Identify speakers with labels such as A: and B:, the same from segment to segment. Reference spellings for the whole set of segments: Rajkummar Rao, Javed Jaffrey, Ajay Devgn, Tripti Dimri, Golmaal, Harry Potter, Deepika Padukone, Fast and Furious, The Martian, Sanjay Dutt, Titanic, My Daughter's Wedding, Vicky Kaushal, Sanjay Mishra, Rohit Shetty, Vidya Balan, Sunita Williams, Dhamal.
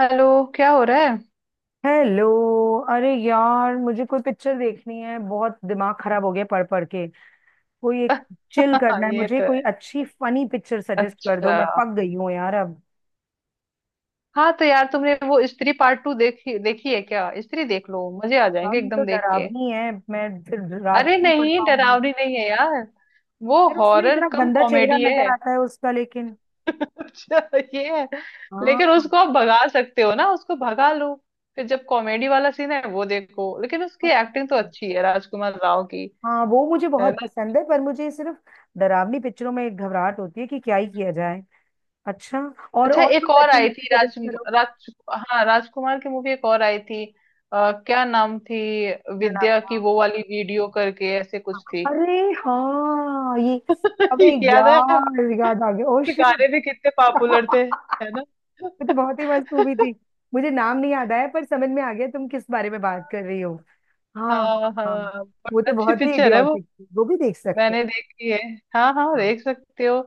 A: Hello. क्या हो रहा
B: हेलो। अरे यार, मुझे कोई पिक्चर देखनी है, बहुत दिमाग खराब हो गया पढ़ पढ़ के। कोई एक
A: है?
B: चिल करना है
A: ये
B: मुझे,
A: तो
B: कोई
A: है।
B: अच्छी फनी पिक्चर सजेस्ट कर दो,
A: अच्छा,
B: मैं पक गई हूँ यार अब।
A: हाँ तो यार तुमने वो स्त्री पार्ट 2 देखी देखी है क्या? स्त्री देख लो, मजे आ
B: यार
A: जाएंगे
B: ये तो
A: एकदम देख के।
B: डरावनी है, मैं फिर रात को
A: अरे
B: नहीं पढ़
A: नहीं,
B: पाऊंगी।
A: डरावनी नहीं है यार, वो
B: फिर उसमें
A: हॉरर
B: इतना
A: कम
B: गंदा चेहरा
A: कॉमेडी है।
B: नजर आता है उसका लेकिन।
A: अच्छा, ये है। लेकिन
B: हाँ।
A: उसको आप भगा सकते हो ना, उसको भगा लो। फिर जब कॉमेडी वाला सीन है वो देखो, लेकिन उसकी एक्टिंग तो अच्छी है राजकुमार राव की।
B: हाँ वो मुझे बहुत पसंद है, पर मुझे सिर्फ डरावनी पिक्चरों में एक घबराहट होती है कि क्या ही किया जाए। अच्छा। और
A: अच्छा,
B: और
A: एक
B: कुछ
A: और
B: अच्छा
A: आई
B: मुझे
A: थी
B: सजेस्ट
A: राज
B: करो।
A: राज हाँ, राजकुमार की मूवी एक और आई थी। क्या नाम थी?
B: है ना।
A: विद्या की वो वाली वीडियो करके ऐसे कुछ थी।
B: अरे, हाँ ये। अबे
A: याद है?
B: यार याद आ गया, ओ
A: उसके
B: शिट।
A: गाने भी कितने पॉपुलर थे, है ना?
B: ये तो बहुत ही मस्त मूवी थी। मुझे नाम नहीं याद आया पर समझ में आ गया तुम किस बारे में बात कर रही हो। हाँ, हाँ,
A: हाँ
B: हाँ।
A: हाँ,
B: वो
A: बट
B: तो
A: अच्छी
B: बहुत ही
A: पिक्चर है वो।
B: इडियोटिक थी, वो भी देख सकते हैं।
A: मैंने देखी है। हाँ हाँ, देख
B: हाँ।
A: सकते हो।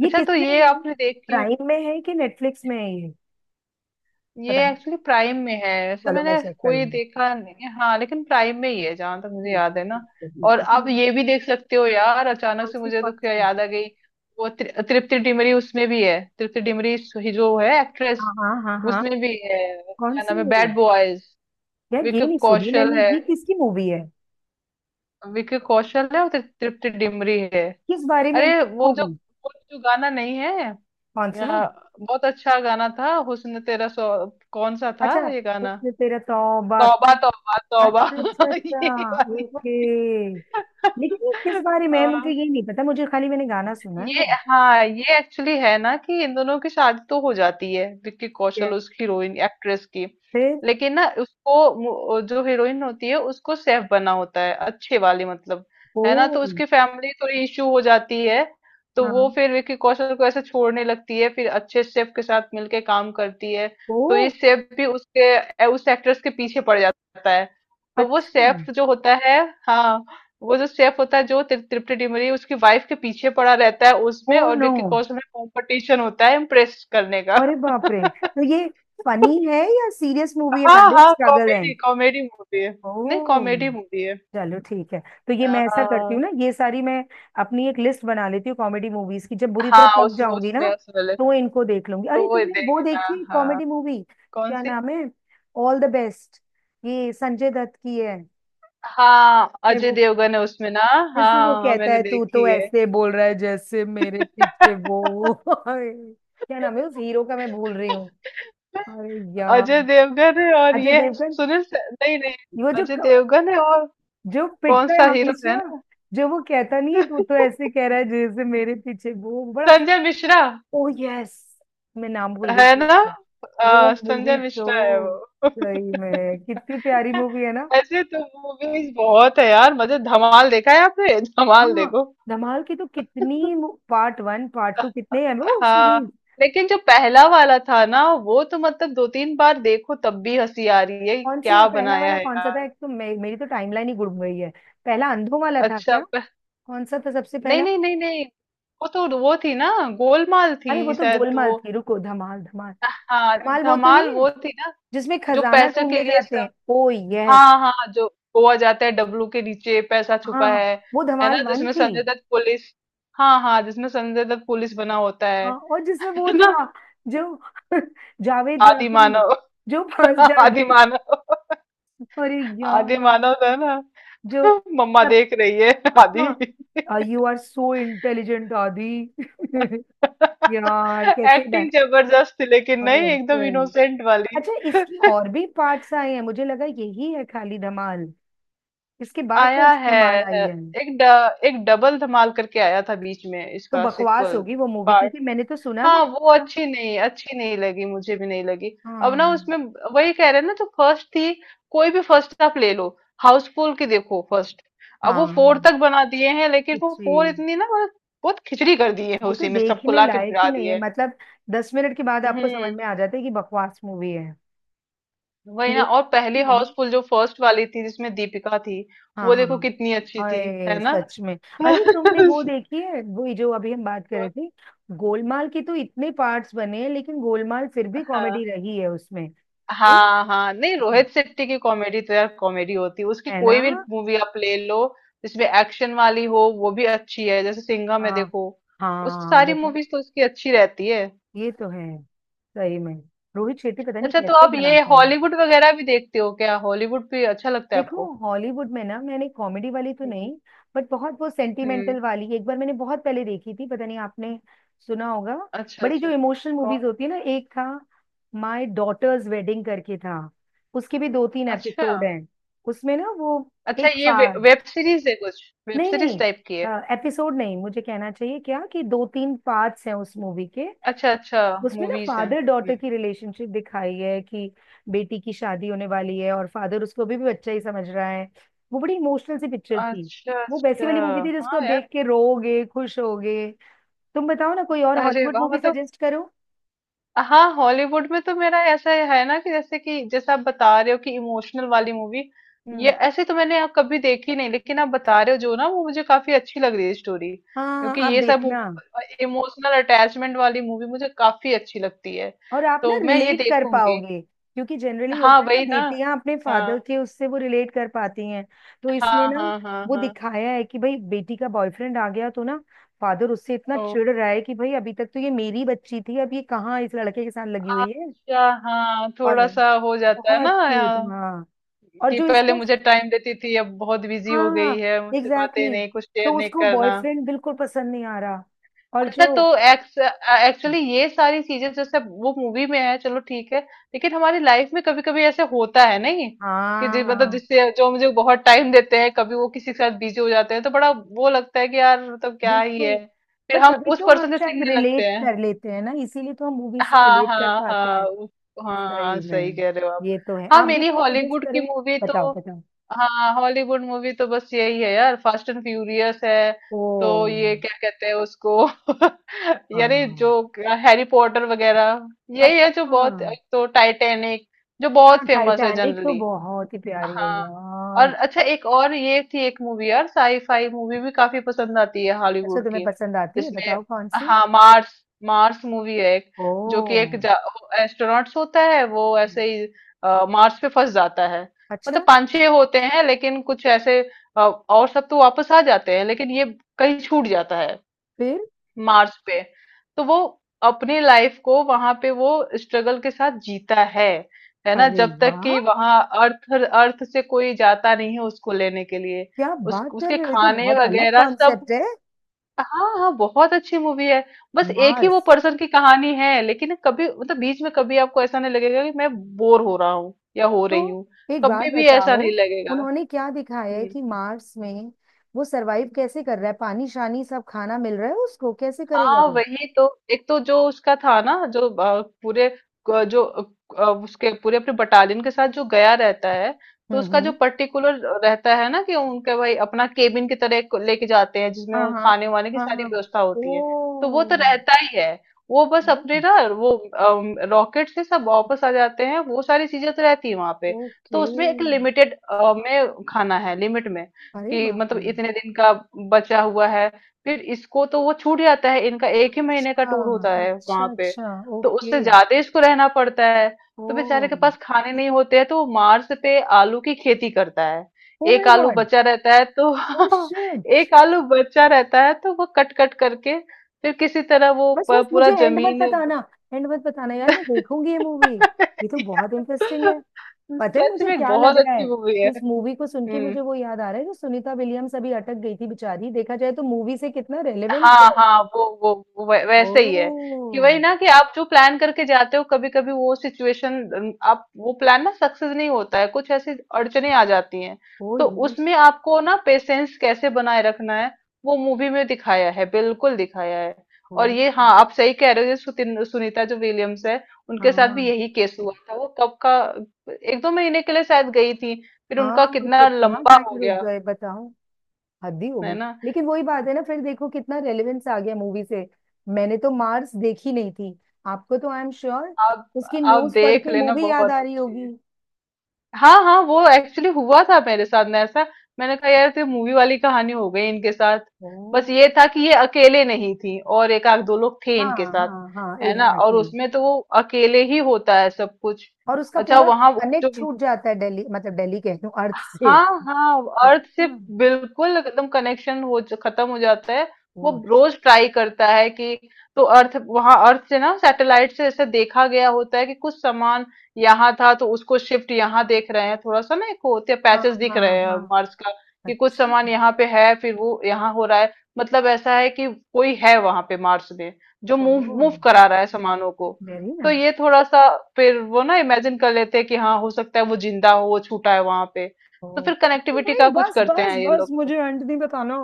B: ये
A: अच्छा, तो
B: किसमें
A: ये
B: है?
A: आपने देखी।
B: प्राइम में है कि नेटफ्लिक्स में है ये? पता
A: ये
B: नहीं,
A: एक्चुअली प्राइम में है। ऐसा
B: चलो
A: मैंने
B: मैं चेक
A: कोई
B: करूंगी।
A: देखा नहीं है, हाँ, लेकिन प्राइम में ही है जहां तक मुझे
B: ठीक
A: याद
B: है,
A: है ना।
B: ठीक है,
A: और
B: ठीक
A: आप
B: है।
A: ये भी देख सकते हो यार, अचानक
B: कौन
A: से
B: सी,
A: मुझे
B: कौन
A: तो क्या
B: सी?
A: याद आ गई। वो तृप्ति डिमरी उसमें भी है, तृप्ति डिमरी ही जो है
B: हाँ,
A: एक्ट्रेस,
B: हाँ, हाँ, हाँ।
A: उसमें भी है।
B: कौन
A: क्या
B: सी
A: नाम है,
B: है?
A: Bad boys.
B: यार ये
A: विकी
B: नहीं सुनी
A: कौशल
B: मैंने,
A: है,
B: ये किसकी मूवी है?
A: विकी कौशल है, और तृप्ति डिमरी है।
B: किस बारे में है
A: अरे, वो
B: मूवी?
A: जो, गाना नहीं है,
B: कौन सा?
A: बहुत अच्छा गाना था, हुस्न तेरा सौ। कौन सा था
B: अच्छा।
A: ये गाना?
B: उसने तेरा तौबा?
A: तौबा तौबा तौबा।
B: अच्छा, अच्छा,
A: ये
B: अच्छा।
A: वाली
B: ओके।
A: बात।
B: लेकिन ये किस बारे में है, मुझे
A: हाँ।
B: ये नहीं पता, मुझे खाली, मैंने गाना सुना है
A: ये
B: वो।
A: हाँ, ये एक्चुअली है ना कि इन दोनों की शादी तो हो जाती है, विक्की
B: ठीक
A: कौशल
B: है।
A: उस हीरोइन एक्ट्रेस की।
B: फिर?
A: लेकिन ना उसको, जो हीरोइन होती है उसको सेफ बना होता है, अच्छे वाली मतलब।
B: ओ।
A: है ना, तो उसकी फैमिली थोड़ी इश्यू हो जाती है। तो वो
B: हाँ।
A: फिर विक्की कौशल को ऐसे छोड़ने लगती है, फिर अच्छे सेफ के साथ मिलके काम करती है।
B: ओ।
A: तो ये सेफ भी उसके उस एक्ट्रेस के पीछे पड़ जाता है। तो वो
B: अच्छा।
A: सेफ जो होता है, हाँ, वो जो शेफ होता है, जो तृप्ति डिमरी उसकी वाइफ के पीछे पड़ा रहता है,
B: ओ
A: उसमें और
B: नो।
A: विक्की कौशल में कंपटीशन होता है इम्प्रेस करने का।
B: अरे बाप रे, तो ये फनी है या सीरियस मूवी है,
A: हाँ
B: मैरिज
A: हाँ,
B: स्ट्रगल है?
A: कॉमेडी कॉमेडी मूवी है। नहीं,
B: ओ।
A: कॉमेडी मूवी है।
B: चलो ठीक है। तो ये मैं ऐसा करती
A: हाँ
B: हूँ ना, ये सारी मैं अपनी एक लिस्ट बना लेती हूँ कॉमेडी मूवीज की, जब बुरी तरह
A: हाँ,
B: पक
A: उसमें
B: जाऊंगी ना
A: उसमें उसमें
B: तो इनको देख लूंगी।
A: तो
B: अरे
A: वो
B: तुमने वो
A: देखना।
B: देखी है
A: हाँ।
B: कॉमेडी मूवी,
A: कौन
B: क्या
A: सी?
B: नाम है, ऑल द बेस्ट? ये संजय दत्त की है।
A: हाँ,
B: मैं
A: अजय
B: वो,
A: देवगन है उसमें ना।
B: जिसमें वो
A: हाँ हाँ,
B: कहता
A: मैंने
B: है तू तो
A: देखी है।
B: ऐसे बोल रहा है जैसे मेरे पीछे वो अरे, क्या नाम है उस हीरो का, मैं भूल रही हूँ। अरे यार।
A: अजय देवगन है और
B: अजय
A: ये है
B: देवगन।
A: नहीं नहीं,
B: वो जो,
A: अजय देवगन है, और
B: जो
A: कौन
B: पिटता है
A: सा हीरो है
B: हमेशा।
A: ना?
B: जो वो कहता नहीं है, तो ऐसे कह रहा है जैसे मेरे पीछे वो बड़ा।
A: संजय मिश्रा।
B: ओ यस। मैं नाम भूल गई
A: है
B: थी
A: ना?
B: उसका। वो
A: संजय
B: मूवी तो
A: मिश्रा है वो।
B: सही में कितनी प्यारी मूवी है ना।
A: ऐसे तो मूवीज बहुत है यार, मजे। धमाल देखा है आपने? धमाल
B: हाँ।
A: देखो।
B: धमाल की तो कितनी, पार्ट वन, पार्ट टू, कितने हैं वो
A: हाँ,
B: सीरीज?
A: लेकिन जो पहला वाला था ना, वो तो मतलब 2-3 बार देखो तब भी हंसी आ रही है कि
B: कौन सी है
A: क्या
B: पहला
A: बनाया
B: वाला,
A: है
B: कौन सा
A: यार।
B: था? एक तो मेरी तो टाइमलाइन ही गुम गई है। पहला अंधों वाला था
A: अच्छा
B: क्या?
A: प...
B: कौन सा था सबसे
A: नहीं
B: पहला?
A: नहीं नहीं नहीं, वो तो वो थी ना, गोलमाल थी
B: अरे वो तो
A: शायद
B: गोलमाल
A: वो।
B: थी। रुको, धमाल धमाल
A: हाँ,
B: धमाल वो तो
A: धमाल
B: नहीं
A: वो थी ना
B: जिसमें
A: जो
B: खजाना
A: पैसे के
B: ढूंढने
A: लिए
B: जाते
A: सब,
B: हैं? ओ यस।
A: हाँ हाँ, जो गोवा जाते हैं, डब्लू के नीचे पैसा
B: हाँ
A: छुपा
B: हाँ,
A: है।
B: वो
A: है ना,
B: धमाल वन
A: जिसमें
B: थी।
A: संजय दत्त पुलिस, हाँ हाँ, जिसमें संजय दत्त पुलिस बना होता है।
B: हाँ, और जिसमें वो
A: है ना,
B: था जो जावेद
A: आदि
B: जाफरी,
A: मानव।
B: जो फंस
A: आदि
B: जाता।
A: मानव।
B: अरे
A: आदि
B: यार।
A: मानव था ना,
B: जो
A: मम्मा
B: सब।
A: देख रही है आदि।
B: हाँ, यू आर सो इंटेलिजेंट आदि। यार कैसे
A: एक्टिंग जबरदस्त थी लेकिन, नहीं एकदम
B: डायरेक्टर।
A: इनोसेंट वाली।
B: अच्छा, इसकी और भी पार्ट्स आए हैं? मुझे लगा यही है खाली, धमाल। इसके बाद
A: आया
B: कौन सी
A: है।
B: धमाल आई
A: है।
B: है?
A: एक ड, एक डबल धमाल करके आया था बीच में
B: तो
A: इसका सिक्वल।
B: बकवास होगी वो मूवी, क्योंकि मैंने तो सुना भी
A: हाँ, वो
B: नहीं था।
A: अच्छी नहीं लगी, मुझे भी नहीं लगी। अब ना
B: हाँ।
A: उसमें वही कह रहे हैं ना जो फर्स्ट थी। कोई भी फर्स्ट आप ले लो, हाउसफुल की देखो फर्स्ट। अब वो फोर
B: हाँ।
A: तक बना दिए हैं लेकिन वो 4
B: जी।
A: इतनी ना, मतलब बहुत खिचड़ी कर दिए हैं,
B: वो तो
A: उसी में सबको
B: देखने
A: लाके
B: लायक ही
A: भिड़ा
B: नहीं
A: दिए
B: है
A: हैं।
B: मतलब, 10 मिनट के बाद आपको समझ
A: हम्म
B: में आ जाता है कि बकवास मूवी है।
A: वही ना। और पहली
B: लेकिन नहीं।
A: हाउसफुल जो फर्स्ट वाली थी जिसमें दीपिका थी,
B: हाँ,
A: वो देखो
B: हाँ।
A: कितनी अच्छी थी, है
B: अरे
A: ना?
B: सच में। अरे तुमने वो देखी है, वो जो अभी हम बात कर रहे थे, गोलमाल के तो इतने पार्ट्स बने हैं, लेकिन गोलमाल फिर भी कॉमेडी
A: हाँ
B: रही है उसमें। नहीं।
A: हाँ हाँ, नहीं रोहित शेट्टी की कॉमेडी तो यार कॉमेडी होती है, उसकी
B: है ना।
A: कोई भी मूवी आप ले लो, जिसमें एक्शन वाली हो वो भी अच्छी है, जैसे सिंघम में
B: हाँ,
A: देखो। उस
B: हाँ,
A: सारी
B: बता।
A: मूवीज तो उसकी अच्छी रहती है।
B: ये तो है। सही में। रोहित शेट्टी पता नहीं
A: अच्छा, तो
B: कैसे
A: आप ये
B: बनाता है।
A: हॉलीवुड वगैरह भी देखते हो क्या? हॉलीवुड भी अच्छा लगता है
B: देखो
A: आपको?
B: हॉलीवुड में ना, मैंने कॉमेडी वाली तो
A: हम्म।
B: नहीं, बट बहुत वो
A: हम्म।
B: सेंटिमेंटल वाली एक बार मैंने बहुत पहले देखी थी, पता नहीं आपने सुना होगा।
A: अच्छा
B: बड़ी जो
A: अच्छा,
B: इमोशनल मूवीज
A: कौन।
B: होती है ना, एक था माय डॉटर्स वेडिंग करके था। उसके भी दो तीन
A: अच्छा
B: एपिसोड हैं। उसमें ना वो
A: अच्छा,
B: एक
A: ये
B: फाद
A: वेब सीरीज है कुछ?
B: नहीं
A: वेब
B: नहीं,
A: सीरीज टाइप की है?
B: एपिसोड नहीं मुझे कहना चाहिए, क्या कि दो तीन पार्ट्स हैं उस मूवी के।
A: अच्छा अच्छा,
B: उसमें ना
A: मूवीज है।
B: फादर डॉटर की रिलेशनशिप दिखाई है, कि बेटी की शादी होने वाली है और फादर उसको अभी भी बच्चा ही समझ रहा है। वो बड़ी इमोशनल सी पिक्चर थी।
A: अच्छा
B: वो वैसी
A: अच्छा।
B: वाली मूवी थी जिसको आप
A: हाँ यार।
B: देख के रोओगे, खुश होगे। तुम बताओ ना, कोई और
A: अरे
B: हॉलीवुड
A: वाह,
B: मूवी
A: मतलब।
B: सजेस्ट करो।
A: हाँ, हॉलीवुड में तो मेरा ऐसा है ना कि जैसे कि जैसा आप बता रहे हो कि इमोशनल वाली मूवी, ये
B: हम्म।
A: ऐसे तो मैंने आप कभी देखी नहीं, लेकिन आप बता रहे हो जो ना, वो मुझे काफी अच्छी लग रही है स्टोरी,
B: हाँ
A: क्योंकि
B: आप
A: ये सब
B: देखना।
A: इमोशनल अटैचमेंट वाली मूवी मुझे काफी अच्छी लगती है।
B: और आप ना
A: तो मैं ये
B: रिलेट कर
A: देखूंगी।
B: पाओगे, क्योंकि जनरली
A: हाँ,
B: होता है ना,
A: वही ना।
B: बेटियां अपने फादर
A: हाँ
B: के, उससे वो रिलेट कर पाती हैं। तो इसमें
A: हाँ
B: ना
A: हाँ हाँ
B: वो
A: हाँ।
B: दिखाया है कि भाई बेटी का बॉयफ्रेंड आ गया तो ना फादर उससे इतना
A: ओ,
B: चिढ़ रहा है कि भाई अभी तक तो ये मेरी बच्ची थी, अब ये कहाँ इस लड़के के साथ लगी हुई है।
A: अच्छा हाँ, थोड़ा
B: और
A: सा हो जाता है
B: बहुत
A: ना,
B: क्यूट,
A: हाँ,
B: हाँ। और
A: कि
B: जो
A: पहले
B: इसका।
A: मुझे टाइम देती थी, अब बहुत बिजी हो
B: हाँ
A: गई है, मुझसे
B: एग्जैक्टली,
A: बातें
B: exactly.
A: नहीं, कुछ शेयर
B: तो
A: नहीं
B: उसको
A: करना।
B: बॉयफ्रेंड बिल्कुल पसंद नहीं आ रहा। और
A: अच्छा,
B: जो,
A: तो एक्स एक्चुअली ये सारी चीजें जैसे वो मूवी में है, चलो ठीक है, लेकिन हमारी लाइफ में कभी कभी ऐसे होता है नहीं, कि जी मतलब
B: हाँ,
A: जिससे जो मुझे बहुत टाइम देते हैं कभी वो किसी के साथ बिजी हो जाते हैं, तो बड़ा वो लगता है कि यार मतलब क्या ही है।
B: बिल्कुल।
A: फिर
B: पर
A: हम
B: तभी
A: उस
B: तो हम
A: पर्सन से
B: शायद
A: चिढ़ने लगते
B: रिलेट
A: हैं।
B: कर लेते हैं ना, इसीलिए तो हम मूवी से
A: हाँ
B: रिलेट कर
A: हाँ
B: पाते
A: हाँ,
B: हैं।
A: हाँ
B: सही
A: हाँ, सही
B: में।
A: कह रहे हो आप।
B: ये तो है,
A: हाँ,
B: आप भी
A: मेरी
B: कोई सजेस्ट
A: हॉलीवुड की
B: करो।
A: मूवी
B: बताओ,
A: तो,
B: बताओ।
A: हाँ, हॉलीवुड मूवी तो बस यही है यार, फास्ट एंड फ्यूरियस है।
B: ओ।
A: तो ये क्या कहते हैं उसको?
B: हाँ,
A: यारे जो
B: हाँ।
A: हैरी पॉटर वगैरह, यही है जो
B: अच्छा।
A: बहुत। एक तो टाइटैनिक जो
B: हाँ
A: बहुत फेमस है
B: टाइटैनिक तो
A: जनरली।
B: बहुत ही प्यारी है
A: हाँ।
B: यार।
A: और अच्छा, एक और ये थी एक मूवी यार, साई फाई मूवी भी काफी पसंद आती है
B: अच्छा,
A: हॉलीवुड
B: तुम्हें
A: की,
B: पसंद आती है?
A: जिसमें।
B: बताओ कौन सी।
A: हाँ, मार्स। मार्स मूवी है एक, जो कि एक
B: ओ।
A: एस्ट्रोनॉट्स होता है, वो ऐसे ही मार्स पे फंस जाता है। मतलब
B: अच्छा।
A: 5-6 होते हैं, लेकिन कुछ ऐसे और सब तो वापस आ जाते हैं लेकिन ये कहीं छूट जाता है
B: फिर?
A: मार्स पे। तो वो अपनी लाइफ को वहां पे वो स्ट्रगल के साथ जीता है ना,
B: अरे
A: जब तक
B: वाह,
A: कि वहां अर्थ अर्थ से कोई जाता नहीं है उसको लेने के लिए।
B: क्या
A: उस
B: बात कर
A: उसके
B: रहे हो, ये तो
A: खाने
B: बहुत अलग
A: वगैरह सब।
B: कॉन्सेप्ट है।
A: हाँ हाँ, बहुत अच्छी मूवी है। बस एक ही वो
B: मार्स।
A: पर्सन की कहानी है, लेकिन कभी मतलब बीच में कभी आपको ऐसा नहीं लगेगा कि मैं बोर हो रहा हूँ या हो रही
B: तो
A: हूँ।
B: एक बात
A: कभी भी ऐसा
B: बताओ,
A: नहीं लगेगा।
B: उन्होंने क्या दिखाया है
A: हम्म।
B: कि मार्स में वो सरवाइव कैसे कर रहा
A: हम्म।
B: है? पानी शानी सब खाना मिल रहा है उसको, कैसे करेगा
A: हाँ,
B: वो?
A: वही तो। एक तो जो उसका था ना, जो पूरे जो उसके पूरे अपने बटालियन के साथ जो गया रहता है, तो उसका जो
B: हम्म।
A: पर्टिकुलर रहता है ना कि उनके भाई अपना केबिन की तरह एक लेके जाते हैं जिसमें
B: हाँ,
A: उन
B: हाँ,
A: खाने वाने की
B: हाँ,
A: सारी
B: हाँ।
A: व्यवस्था होती है। तो वो तो
B: ओ।
A: रहता ही है, वो बस
B: अरे।
A: अपने ना वो, रॉकेट से सब वापस आ जाते हैं, वो सारी चीजें तो रहती है वहां पे। तो
B: ओके।
A: उसमें एक लिमिटेड में खाना है, लिमिट में,
B: अरे
A: कि
B: बाप
A: मतलब
B: रे।
A: इतने दिन का बचा हुआ है। फिर इसको तो वो छूट जाता है, इनका एक ही महीने का
B: अच्छा,
A: टूर होता है वहां
B: अच्छा,
A: पे,
B: अच्छा,
A: तो
B: ओके।
A: उससे ज्यादा इसको रहना पड़ता है।
B: ओ।
A: तो बेचारे के पास खाने नहीं होते हैं, तो वो मार्च पे आलू की खेती करता है।
B: ओ
A: एक
B: माय
A: आलू
B: गॉड।
A: बचा रहता है तो,
B: ओ शिट।
A: एक आलू बचा रहता है तो वो कट कट करके फिर किसी तरह वो
B: बस बस,
A: पूरा
B: मुझे एंड मत
A: जमीन।
B: बताना। एंड मत बताना यार, मैं देखूंगी ये मूवी। ये तो बहुत इंटरेस्टिंग है। पता है
A: सच
B: मुझे
A: में
B: क्या
A: बहुत
B: लग रहा
A: अच्छी
B: है,
A: मूवी है।
B: इस मूवी को सुन के
A: हम्म।
B: मुझे वो याद आ रहा है जो सुनीता विलियम्स अभी अटक गई थी बेचारी, देखा जाए तो मूवी से कितना रेलेवेंस
A: हाँ
B: है।
A: हाँ, वो वैसे ही है,
B: ओ।
A: कि वही ना कि आप जो प्लान करके जाते हो, कभी कभी वो सिचुएशन आप वो प्लान ना सक्सेस नहीं होता है, कुछ ऐसी अड़चने आ जाती हैं।
B: ओ
A: तो
B: यस।
A: उसमें आपको ना पेशेंस कैसे बनाए रखना है, वो मूवी में दिखाया है, बिल्कुल दिखाया है। और
B: ओ।
A: ये, हाँ, आप सही कह रहे हो, ये सुनीता जो विलियम्स है, उनके साथ भी
B: हाँ,
A: यही केस हुआ था, वो कब का 1-2 महीने के लिए शायद गई थी, फिर उनका
B: हाँ
A: कितना
B: कितना
A: लंबा हो
B: टाइम रुक
A: गया।
B: गए बताओ, हद ही हो
A: है
B: गई।
A: ना?
B: लेकिन वही बात है ना, फिर देखो कितना रेलेवेंस आ गया मूवी से। मैंने तो मार्स देखी नहीं थी। आपको तो आई एम श्योर
A: आप
B: उसकी
A: आप
B: न्यूज पढ़
A: देख
B: के
A: लेना
B: मूवी याद
A: बहुत
B: आ रही
A: अच्छी
B: होगी।
A: है। हाँ, हाँ, वो एक्चुअली हुआ था मेरे साथ ना ऐसा। मैंने कहा यार ये मूवी वाली कहानी हो गई इनके साथ।
B: ओ।
A: बस ये था कि ये अकेले नहीं थी, और एक आध दो लोग थे इनके
B: हाँ,
A: साथ,
B: हाँ, हाँ
A: है ना? और
B: एग्जैक्टली।
A: उसमें तो वो अकेले ही होता है सब कुछ।
B: और उसका
A: अच्छा,
B: पूरा
A: वहाँ वो जो,
B: कनेक्ट छूट जाता है दिल्ली, मतलब दिल्ली कह रही हूँ अर्थ से।
A: हाँ हाँ, अर्थ से
B: अच्छा।
A: बिल्कुल एकदम कनेक्शन हो खत्म हो जाता है।
B: ओ
A: वो
B: श-।
A: रोज ट्राई करता है कि, तो अर्थ वहां अर्थ से ना सैटेलाइट से ऐसे देखा गया होता है कि कुछ सामान यहाँ था तो उसको शिफ्ट यहाँ देख रहे हैं, थोड़ा सा ना एक होते हैं
B: हाँ,
A: पैचेस दिख
B: हाँ,
A: रहे हैं
B: हाँ।
A: मार्स का, कि कुछ
B: अच्छा।
A: सामान यहाँ पे है फिर वो यहाँ हो रहा है, मतलब ऐसा है कि कोई है वहां पे मार्स में जो मूव
B: ओ।
A: मूव करा रहा है सामानों को।
B: वेरी
A: तो
B: नाइस।
A: ये थोड़ा सा, फिर वो ना इमेजिन कर लेते हैं कि हाँ हो सकता है वो जिंदा हो, वो छूटा है वहां पे, तो
B: ओ।
A: फिर कनेक्टिविटी
B: नहीं
A: का कुछ
B: बस
A: करते
B: बस
A: हैं ये
B: बस,
A: लोग।
B: मुझे अंत नहीं बताना।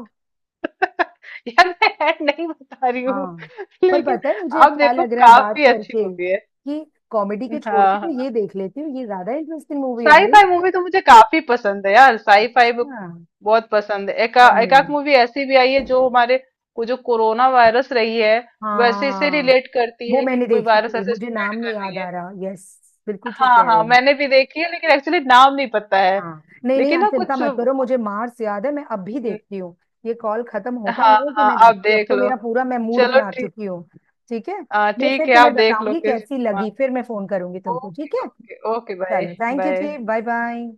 A: यार मैं ऐड नहीं बता रही हूँ।
B: हाँ। पर
A: लेकिन
B: पता है मुझे अब
A: आप
B: क्या
A: देखो
B: लग रहा है बात
A: काफी अच्छी
B: करके,
A: मूवी है।
B: कि कॉमेडी के छोड़ के
A: हाँ
B: मैं
A: हाँ,
B: ये देख लेती हूँ, ये ज्यादा इंटरेस्टिंग मूवी है
A: साई
B: भाई।
A: फाई मूवी तो मुझे काफी पसंद है यार, साई फाई
B: अच्छा।
A: बहुत पसंद है।
B: नहीं
A: एकाक
B: नहीं।
A: मूवी ऐसी भी आई है जो हमारे को, जो कोरोना वायरस रही है वैसे से
B: हाँ
A: रिलेट करती
B: वो
A: है, कि
B: मैंने
A: कोई
B: देखी
A: वायरस
B: थी,
A: ऐसे
B: मुझे
A: स्प्रेड
B: नाम नहीं
A: कर रही
B: याद
A: है।
B: आ रहा, यस, बिल्कुल ठीक
A: हाँ
B: कह रहे
A: हाँ,
B: हो।
A: मैंने भी देखी है लेकिन एक्चुअली नाम नहीं पता है।
B: हाँ नहीं नहीं,
A: लेकिन
B: आप
A: ना
B: चिंता
A: कुछ
B: मत करो, मुझे मार्स याद है, मैं अब भी देखती हूँ। ये कॉल खत्म होता
A: हाँ
B: नहीं है कि
A: हाँ,
B: मैं
A: आप
B: देखती हूँ, अब
A: देख
B: तो
A: लो।
B: मेरा पूरा, मैं मूड
A: चलो
B: बना
A: ठीक।
B: चुकी हूँ। ठीक है।
A: हाँ,
B: मैं
A: ठीक
B: फिर
A: है, आप
B: तुम्हें
A: देख लो
B: बताऊंगी
A: किस।
B: कैसी लगी, फिर मैं फोन करूंगी तुमको,
A: ओके
B: ठीक है।
A: Okay okay, bye.
B: चलो थैंक यू
A: बाय।
B: जी, बाय बाय।